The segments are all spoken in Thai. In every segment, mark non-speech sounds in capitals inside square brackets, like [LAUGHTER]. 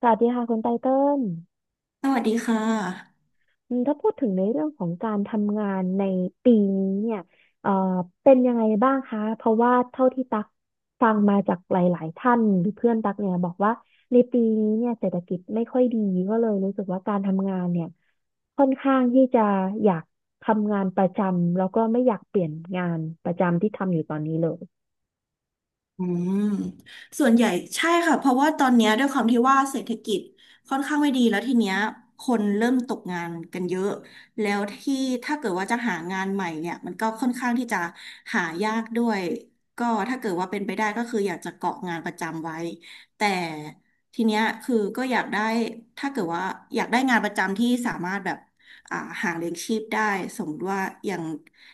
สวัสดีค่ะคุณไตเติ้ลสวัสดีค่ะอืมถ้าพูดถึงในเรื่องของการทำงานในปีนี้เนี่ยเอ่อเป็นยังไงบ้างคะเพราะว่าเท่าที่ตักฟังมาจากหลายๆท่านหรือเพื่อนตักเนี่ยบอกว่าในปีนี้เนี่ยเศรษฐกิจไม่ค่อยดีก็เลยรู้สึกว่าการทำงานเนี่ยค่อนข้างที่จะอยากทำงานประจำแล้วก็ไม่อยากเปลี่ยนงานประจำที่ทำอยู่ตอนนี้เลยอืมส่วนใหญ่ใช่ค่ะ เพราะว่าตอนเนี้ยด้วยความที่ว่าเศรษฐกิจค่อนข้างไม่ดีแล้วทีเนี้ยคนเริ่มตกงานกันเยอะแล้วที่ถ้าเกิดว่าจะหางานใหม่เนี่ยมันก็ค่อนข้างที่จะหายากด้วยก็ถ้าเกิดว่าเป็นไปได้ก็คืออยากจะเกาะงานประจำไว้แต่ทีเนี้ยคือก็อยากได้ถ้าเกิดว่าอยากได้งานประจำที่สามารถแบบอ่าหาเลี้ยงชีพได้สมมติว่าอย่าง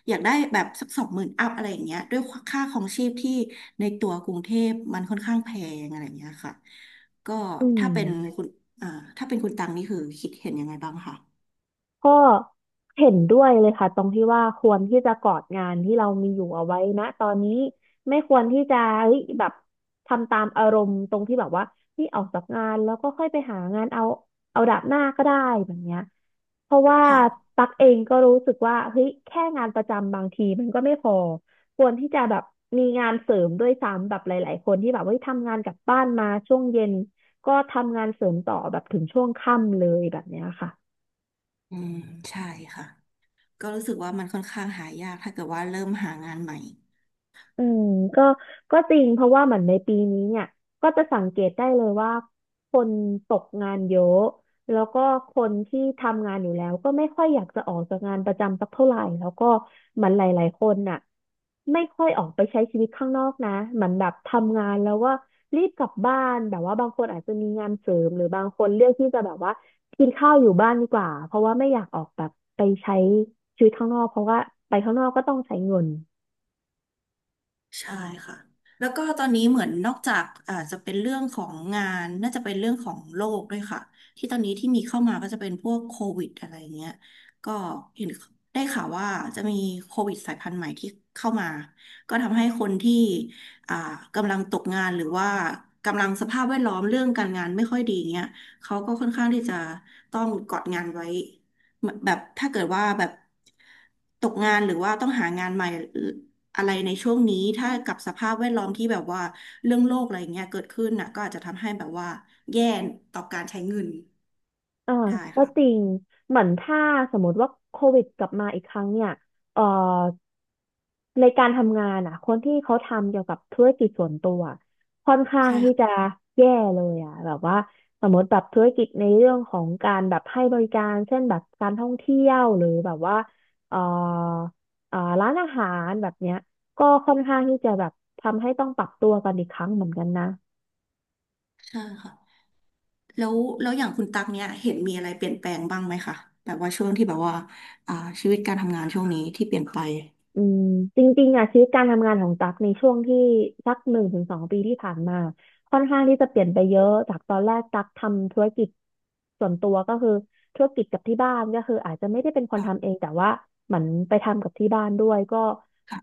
อยากได้แบบสัก20,000อัพอะไรอย่างเงี้ยด้วยค่าของชีพที่ในตัวกรุงเทพมันค่อนข้างแพงอะไรอย่างเงี้ยค่ะก็อืถ้าเป็นม คุณอ่าถ้าเป็นคุณตังนี่คือคิดเห็นยังไงบ้างคะก็เห็นด้วยเลยค่ะตรงที่ว่าควรที่จะกอดงานที่เรามีอยู่เอาไว้นะตอนนี้ไม่ควรที่จะเฮ้ยแบบทำตามอารมณ์ตรงที่แบบว่านี่ออกจากงานแล้วก็ค่อยไปหางานเอาเอาดาบหน้าก็ได้แบบเนี้ยเพราะว่าค่ะตักเองก็รู้สึกว่าเฮ้ยแค่งานประจำบางทีมันก็ไม่พอควรที่จะแบบมีงานเสริมด้วยซ้ำแบบหลายๆคนที่แบบเฮ้ยทำงานกลับบ้านมาช่วงเย็นก็ทำงานเสริมต่อแบบถึงช่วงค่ำเลยแบบเนี้ยค่ะ อืมใช่ค่ะก็รู้สึกว่ามันค่อนข้างหายากถ้าเกิดว่าเริ่มหางานใหม่ อืมก็ก็จริงเพราะว่าเหมือนในปีนี้เนี่ยก็จะสังเกตได้เลยว่าคนตกงานเยอะแล้วก็คนที่ทำงานอยู่แล้วก็ไม่ค่อยอยากจะออกจากงานประจำสักเท่าไหร่แล้วก็เหมือนหลายๆคนน่ะไม่ค่อยออกไปใช้ชีวิตข้างนอกนะเหมือนแบบทำงานแล้วว่ารีบกลับบ้านแบบว่าบางคนอาจจะมีงานเสริมหรือบางคนเลือกที่จะแบบว่ากินข้าวอยู่บ้านดีกว่าเพราะว่าไม่อยากออกแบบไปใช้ชีวิตข้างนอกเพราะว่าไปข้างนอกก็ต้องใช้เงิน ใช่ค่ะแล้วก็ตอนนี้เหมือนนอกจากอาจจะเป็นเรื่องของงานน่าจะเป็นเรื่องของโรคด้วยค่ะที่ตอนนี้ที่มีเข้ามาก็จะเป็นพวกโควิดอะไรเงี้ย ก็เห็นได้ข่าวว่าจะมีโควิดสายพันธุ์ใหม่ที่เข้ามาก็ทำให้คนที่อ่ากำลังตกงานหรือว่ากำลังสภาพแวดล้อมเรื่องการงานไม่ค่อยดีเงี้ยเขาก็ค่อนข้างที่จะต้องกอดงานไว้ เหมือนแบบถ้าเกิดว่าแบบตกงานหรือว่าต้องหางานใหม่อะไรในช่วงนี้ถ้ากับสภาพแวดล้อมที่แบบว่าเรื่องโลกอะไรเงี้ยเกิดขึ้นน่ะก็อาจจะทำให้แบบว่าแย่ต่อการใช้เงินอ่าได้ก็ค่ะจริงเหมือนถ้าสมมติว่าโควิดกลับมาอีกครั้งเนี่ยเอ่อในการทำงานอ่ะคนที่เขาทำเกี่ยวกับธุรกิจส่วนตัวค่อนข้างใช่ที่ค่ะจะแย่เลยอ่ะแบบว่าสมมติแบบธุรกิจในเรื่องของการแบบให้บริการเช่นแบบการท่องเที่ยวหรือแบบว่าเอ่อร้านอาหารแบบเนี้ยก็ค่อนข้างที่จะแบบทำให้ต้องปรับตัวกันอีกครั้งเหมือนกันนะ ใช่ค่ะแล้วแล้วอย่างคุณตักเนี่ยเห็นมีอะไรเปลี่ยนแปลงบ้างไหมคะแบบว่าช่วงที่แบบว่าอ่าชีวิตการทำงานช่วงนี้ที่เปลี่ยนไปอืมจริงๆอ่ะชีวิตการทำงานของตั๊กในช่วงที่สัก1-2 ปีที่ผ่านมาค่อนข้างที่จะเปลี่ยนไปเยอะจากตอนแรกตั๊กทำธุรกิจส่วนตัวก็คือธุรกิจกับที่บ้านก็คืออาจจะไม่ได้เป็นคนทำเอค่ะงแต่ว่าเหมือนไปทำกับที่บ้านด้วยก็ค่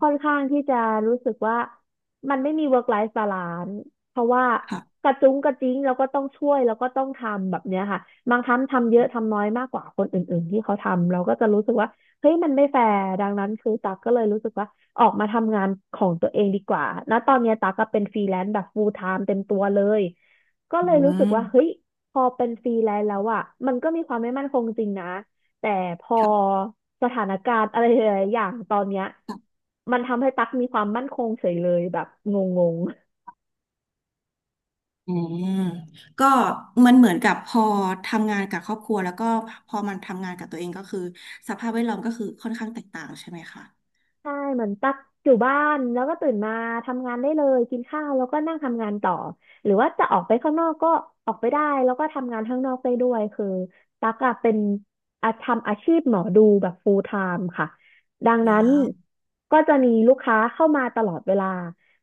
ค่อนข้างที่จะรู้สึกว่ามันไม่มี work life balance เพราะว่ากค่ะระจุ้งกระจิ้งแล้วก็ต้องช่วยแล้วก็ต้องทำแบบเนี้ยค่ะบางครั้งทำเยอะทำน้อยมากกว่าคนอื่นๆที่เขาทำเราก็จะรู้สึกว่า เฮ้ยมันไม่แฟร์ดังนั้นคือตั๊กก็เลยรู้สึกว่าออกมาทำงานของตัวเองดีกว่าณตอนเนี้ยตั๊กก็เป็นฟรีแลนซ์แบบ full time เต็มตัวเลยก็อืเลยรู้สึกว่าเฮ้มยพอเป็นฟรีแลนซ์แล้วอ่ะมันก็มีความไม่มั่นคงจริงนะแต่พอค่สถานการณ์อะไรหลายๆอย่างตอนเนี้ยะ มันทำให้ตั๊กมีความมั่นคงเฉยเลยแบบงง อืมก็มันเหมือนกับพอทำงานกับครอบครัวแล้วก็พอมันทำงานกับตัวเองก็คือสภาพแวดล้อมก็คือค่อนข้างแตกต่างใช่ไหมคะใช่เหมือนตักอยู่บ้านแล้วก็ตื่นมาทำงานได้เลยกินข้าวแล้วก็นั่งทำงานต่อหรือว่าจะออกไปข้างนอกก็ออกไปได้แล้วก็ทำงานข้างนอกได้ด้วยคือตักอะเป็นอาทำอาชีพหมอดูแบบ full time ค่ะดังนั้นว้าว ก็จะมีลูกค้าเข้ามาตลอดเวลา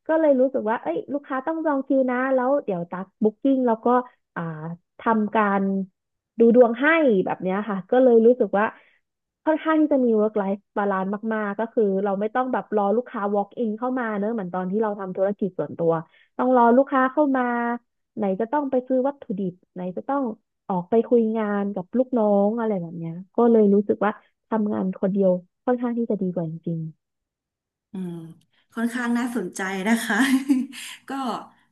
ก็เลยรู้สึกว่าเอ้ยลูกค้าต้องจองคิวนะแล้วเดี๋ยวตักบุ๊กกิ้งแล้วก็อ่าทำการดูดวงให้แบบเนี้ยค่ะก็เลยรู้สึกว่า ค่อนข้างที่จะมี work life balance มากๆก็คือเราไม่ต้องแบบรอลูกค้า walk in เข้ามาเนอะเหมือนตอนที่เราทำธุรกิจส่วนตัวต้องรอลูกค้าเข้ามาไหนจะต้องไปซื้อวัตถุดิบไหนจะต้องออกไปคุยงานกับลูกน้องอะไรแบบเนี้ยก็เลยรู้สึกว่าทำงานคนเดียวค่อนข้างที่จะดีกว่าจริงอืมค่อนข้างน่าสนใจนะคะ [LAUGHS] ก็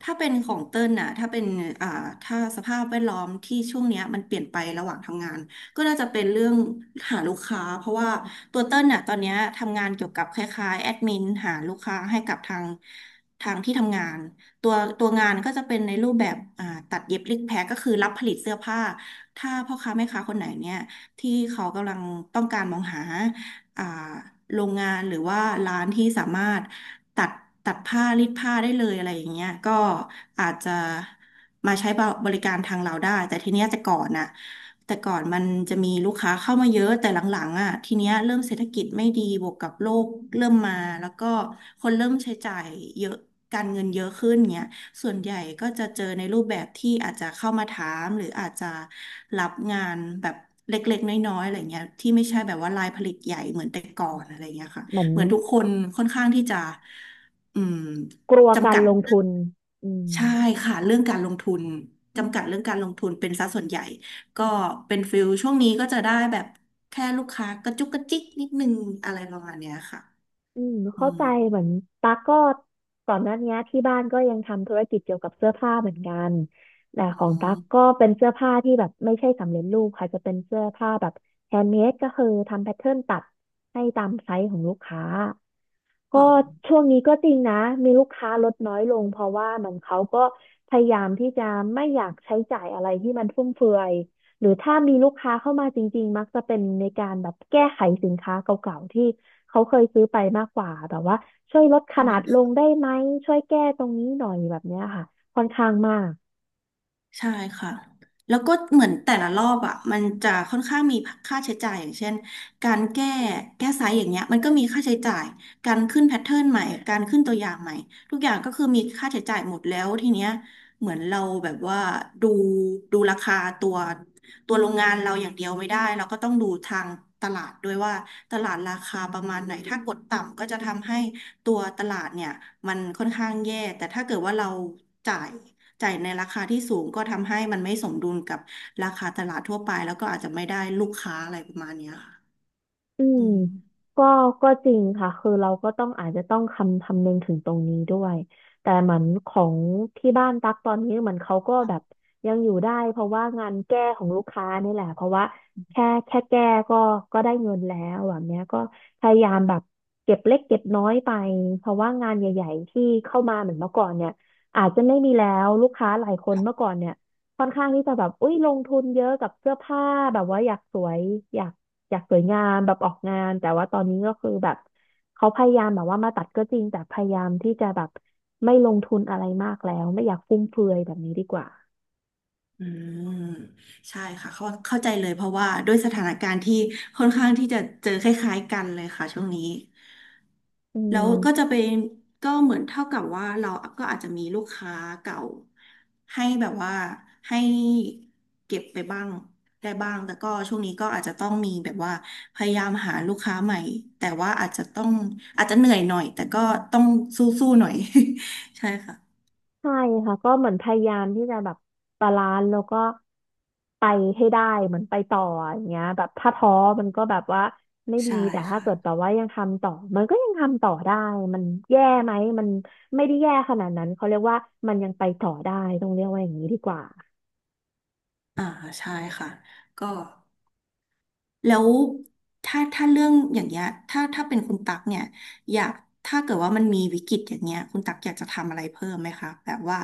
ถ้าเป็นของเติ้ลน่ะถ้าเป็นอ่าถ้าสภาพแวดล้อมที่ช่วงเนี้ยมันเปลี่ยนไประหว่างทำงานก็น่าจะเป็นเรื่องหาลูกค้าเพราะว่าตัวเติ้ลน่ะตอนเนี้ยทำงานเกี่ยวกับคล้ายๆแอดมินหาลูกค้าให้กับทางที่ทำงานตัวตัวงานก็จะเป็นในรูปแบบอ่าตัดเย็บริกแพ็คก็คือรับผลิตเสื้อผ้าถ้าพ่อค้าแม่ค้าคนไหนเนี่ยที่เขากำลังต้องการมองหา อ่าโรงงานหรือว่าร้านที่สามารถตัดตัดผ้ารีดผ้าได้เลยอะไรอย่างเงี้ยก็อาจจะมาใช้บริการทางเราได้แต่ทีเนี้ยแต่ก่อนมันจะมีลูกค้าเข้ามาเยอะแต่หลังๆอ่ะทีเนี้ยเริ่มเศรษฐกิจไม่ดีบวกกับโลกเริ่มมาแล้วก็คนเริ่มใช้จ่ายเยอะการเงินเยอะขึ้นเงี้ยส่วนใหญ่ก็จะเจอในรูปแบบที่อาจจะเข้ามาถามหรืออาจจะรับงานแบบ เล็กๆน้อยๆอะไรเงี้ยที่ไม่ใช่แบบว่ารายผลิตใหญ่เหมือนแต่ก่อนอะไรเงี้ยค่ะๆเหมือนเหมือนทุกคนค่อนข้างที่จะอืมกลัวกาจำรกัดลงทุนอืม ใช่ค่ะเรื่องการลงทุนจำกัดเรื่องการลงทุนเป็นซะส่วนใหญ่ก็เป็นฟิลช่วงนี้ก็จะได้แบบแค่ลูกค้ากระจุกกระจิกนิดนึงอะไรประมาณเนี้ยค่ะอืมอืเข้ามใจเหมือนตั๊กก็ก่อนหน้านี้ที่บ้านก็ยังทำธุรกิจเกี่ยวกับเสื้อผ้าเหมือนกันแต่อ๋อของตั๊กก็เป็นเสื้อผ้าที่แบบไม่ใช่สำเร็จรูปค่ะจะเป็นเสื้อผ้าแบบแฮนด์เมดก็คือทำแพทเทิร์นตัดให้ตามไซส์ของลูกค้าก็ช่วงนี้ก็จริงนะมีลูกค้าลดน้อยลงเพราะว่าเหมือนเขาก็พยายามที่จะไม่อยากใช้จ่ายอะไรที่มันฟุ่มเฟือย หรือถ้ามีลูกค้าเข้ามาจริงๆ มักจะเป็นในการแบบแก้ไขสินค้าเก่าๆ ที่เขาเคยซื้อไปมากกว่าแบบว่าช่วยลดขค่นาดละ งได้ไหมช่วยแก้ตรงนี้หน่อยแบบเนี้ยค่ะค่อนข้างมาก ใช่ค่ะแล้วก็เหมือนแต่ละรอบอ่ะมันจะค่อนข้างมีค่าใช้จ่ายอย่างเช่นการแก้ไซส์อย่างเงี้ยมันก็มีค่าใช้จ่าย การขึ้นแพทเทิร์นใหม่ การขึ้นตัวอย่างใหม่ ทุกอย่างก็คือมีค่าใช้จ่ายหมดแล้วทีเนี้ยเหมือนเราแบบว่าดูดูราคาตัวตัวโรงงานเราอย่างเดียวไม่ได้เราก็ต้องดูทางตลาดด้วยว่าตลาดราคาประมาณไหนถ้ากดต่ำก็จะทำให้ตัวตลาดเนี่ยมันค่อนข้างแย่แต่ถ้าเกิดว่าเราจ่าย จ่ายในราคาที่สูงก็ทำให้มันไม่สมดุลกับราคาตลาดทั่วไปแล้วก็อาจจะไม่ได้ลูกค้าอะไรประมาณเนี้ยค่ะอือืมมก็ก็จริงค่ะคือเราก็ต้องอาจจะต้องคำนึงถึงตรงนี้ด้วยแต่เหมือนของที่บ้านตักตอนนี้เหมือนเขาก็แบบยังอยู่ได้เพราะว่างานแก้ของลูกค้านี่แหละเพราะว่าแค่แก้ก็ก็ได้เงินแล้วแบบเนี้ยก็พยายามแบบเก็บเล็กเก็บน้อยไปเพราะว่างานใหญ่ๆที่เข้ามาเหมือนเมื่อก่อนเนี่ยอาจจะไม่มีแล้วลูกค้าหลายคนเมื่อก่อนเนี่ยค่อนข้างที่จะแบบอุ้ยลงทุนเยอะกับเสื้อผ้าแบบว่าอยากสวยอยาก อยากสวยงามแบบออกงานแต่ว่าตอนนี้ก็คือแบบเขาพยายามแบบว่ามาตัดก็จริงแต่พยายามที่จะแบบไม่ลงทุนอะไรมากแล้วไม่อยากฟุ่มเฟือยแบบนี้ดีกว่าอืมใช่ค่ะเข้าใจเลยเพราะว่าด้วยสถานการณ์ที่ค่อนข้างที่จะเจอคล้ายๆกันเลยค่ะช่วงนี้ อืแล้วก็จะมเป็นก็เหมือนเท่ากับว่าเราก็อาจจะมีลูกค้าเก่าให้แบบว่าให้เก็บไปบ้างได้บ้างแต่ก็ช่วงนี้ก็อาจจะต้องมีแบบว่าพยายามหาลูกค้าใหม่แต่ว่าอาจจะต้องอาจจะเหนื่อยหน่อยแต่ก็ต้องสู้ๆหน่อย [LAUGHS] ใช่ค่ะใช่ค่ะก็เหมือนพยายามที่จะแบบบาลานซ์แล้วก็ไปให้ได้เหมือนไปต่ออย่างเงี้ยแบบถ้าท้อมันก็แบบว่าไม่ดีใช่แต่ถ้าค่ะเกิดแบบว่ายังทำต่อมันก็ยังทำต่อได้มันแย่ไหมมันไม่ได้แย่ขนาดนั้นเขาเรียกว่ามันยังไปต่อได้ต้องเรียกว่าอย่างนี้ดีกว่า อ่าใช่ค่ะก็ แล้วถ้าเรื่องอย่างเงี้ยถ้าเป็นคุณตักเนี่ยอยากถ้าเกิดว่ามันมีวิกฤตอย่างเงี้ยคุณตักอยากจะทำอะไรเพิ่มไหมคะแบบว่า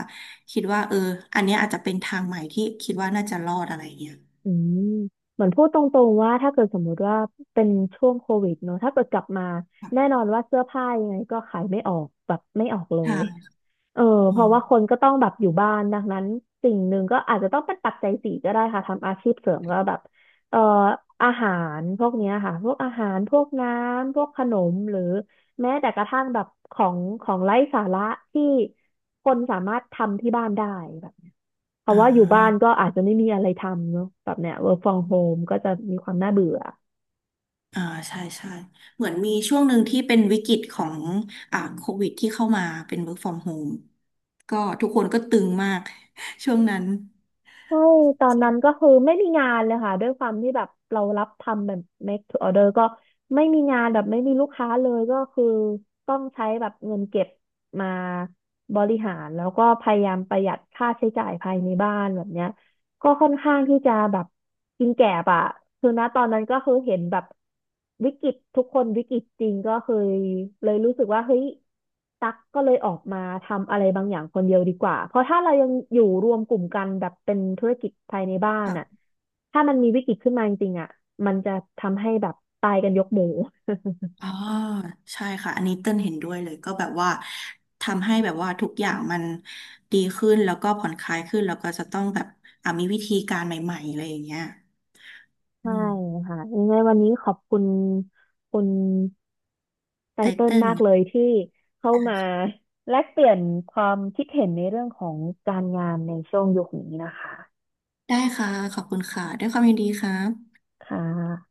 คิดว่าเอออันเนี้ยอาจจะเป็นทางใหม่ที่คิดว่าน่าจะรอดอะไรเงี้ยอืมเหมือนพูดตรงๆว่าถ้าเกิดสมมุติว่าเป็นช่วงโควิดเนอะถ้าเกิดกลับมาแน่ค่ะนอนว่าเสื้อผ้ายังไงก็ขายไม่ออกแบบไม่ออกเลยเอออืเพราะว่าคมนก็ต้องแบบอยู่บ้านดังนั้นสิ่งหนึ่งก็อาจจะต้องเป็นปัจจัยสี่ก็ได้ค่ะทำอาชีพเสริมก็แบบเอ่ออาหารพวกเนี้ยค่ะพวกอาหารพวกน้ำพวกขนมหรือแม้แต่กระทั่งแบบของไร้สาระที่คนสามารถทำที่บ้านได้แบบ เพราะอ่าว่าอยู่บ้านก็อาจจะไม่มีอะไรทำเนอะแบบเนี้ย work from home ก็จะมีความน่าเบื่ออ่าใช่ใช่เหมือนมีช่วงหนึ่งที่เป็นวิกฤตของโควิดที่เข้ามาเป็น work from home ก็ทุกคนก็ตึงมาก [LAUGHS] ช่วงนั้น ใช่ตอนนั้นก็คือไม่มีงานเลยค่ะด้วยความที่แบบเรารับทำแบบ make to order ก็ไม่มีงานแบบไม่มีลูกค้าเลยก็คือต้องใช้แบบเงินเก็บมาบริหารแล้วก็พยายามประหยัดค่าใช้จ่ายภายในบ้านแบบเนี้ย ก็ค่อนข้างที่จะแบบกินแก่บอะคือณตอนนั้นก็คือเห็นแบบวิกฤตทุกคนวิกฤตจริงก็คือเลยรู้สึกว่าเฮ้ยตักก็เลยออกมาทำอะไรบางอย่างคนเดียวดีกว่าเพราะถ้าเรายังอยู่รวมกลุ่มกันแบบเป็นธุรกิจภายในบ้านอะถ้ามันมีวิกฤตขึ้นมาจริงๆอะมันจะทำให้แบบตายกันยกหมู่ อ๋อใช่ค่ะอันนี้เต้นเห็นด้วยเลยก็แบบว่าทำให้แบบว่าทุกอย่างมันดีขึ้นแล้วก็ผ่อนคลายขึ้นแล้วก็จะต้องแบบอ่ะมีวิธีการใหม่ๆอะไรอย่างเงี้ยอืใช่มค่ะยังไงวันนี้ขอบคุณคุณไตไตเติ้ลเติ้ลมากเนี่ยเลยที่เข้ามาแลกเปลี่ยนความคิดเห็นในเรื่องของการงานในช่วงยุคนี้นะคะได้ค่ะขอบคุณค่ะด้วยความยินดีครับค่ะ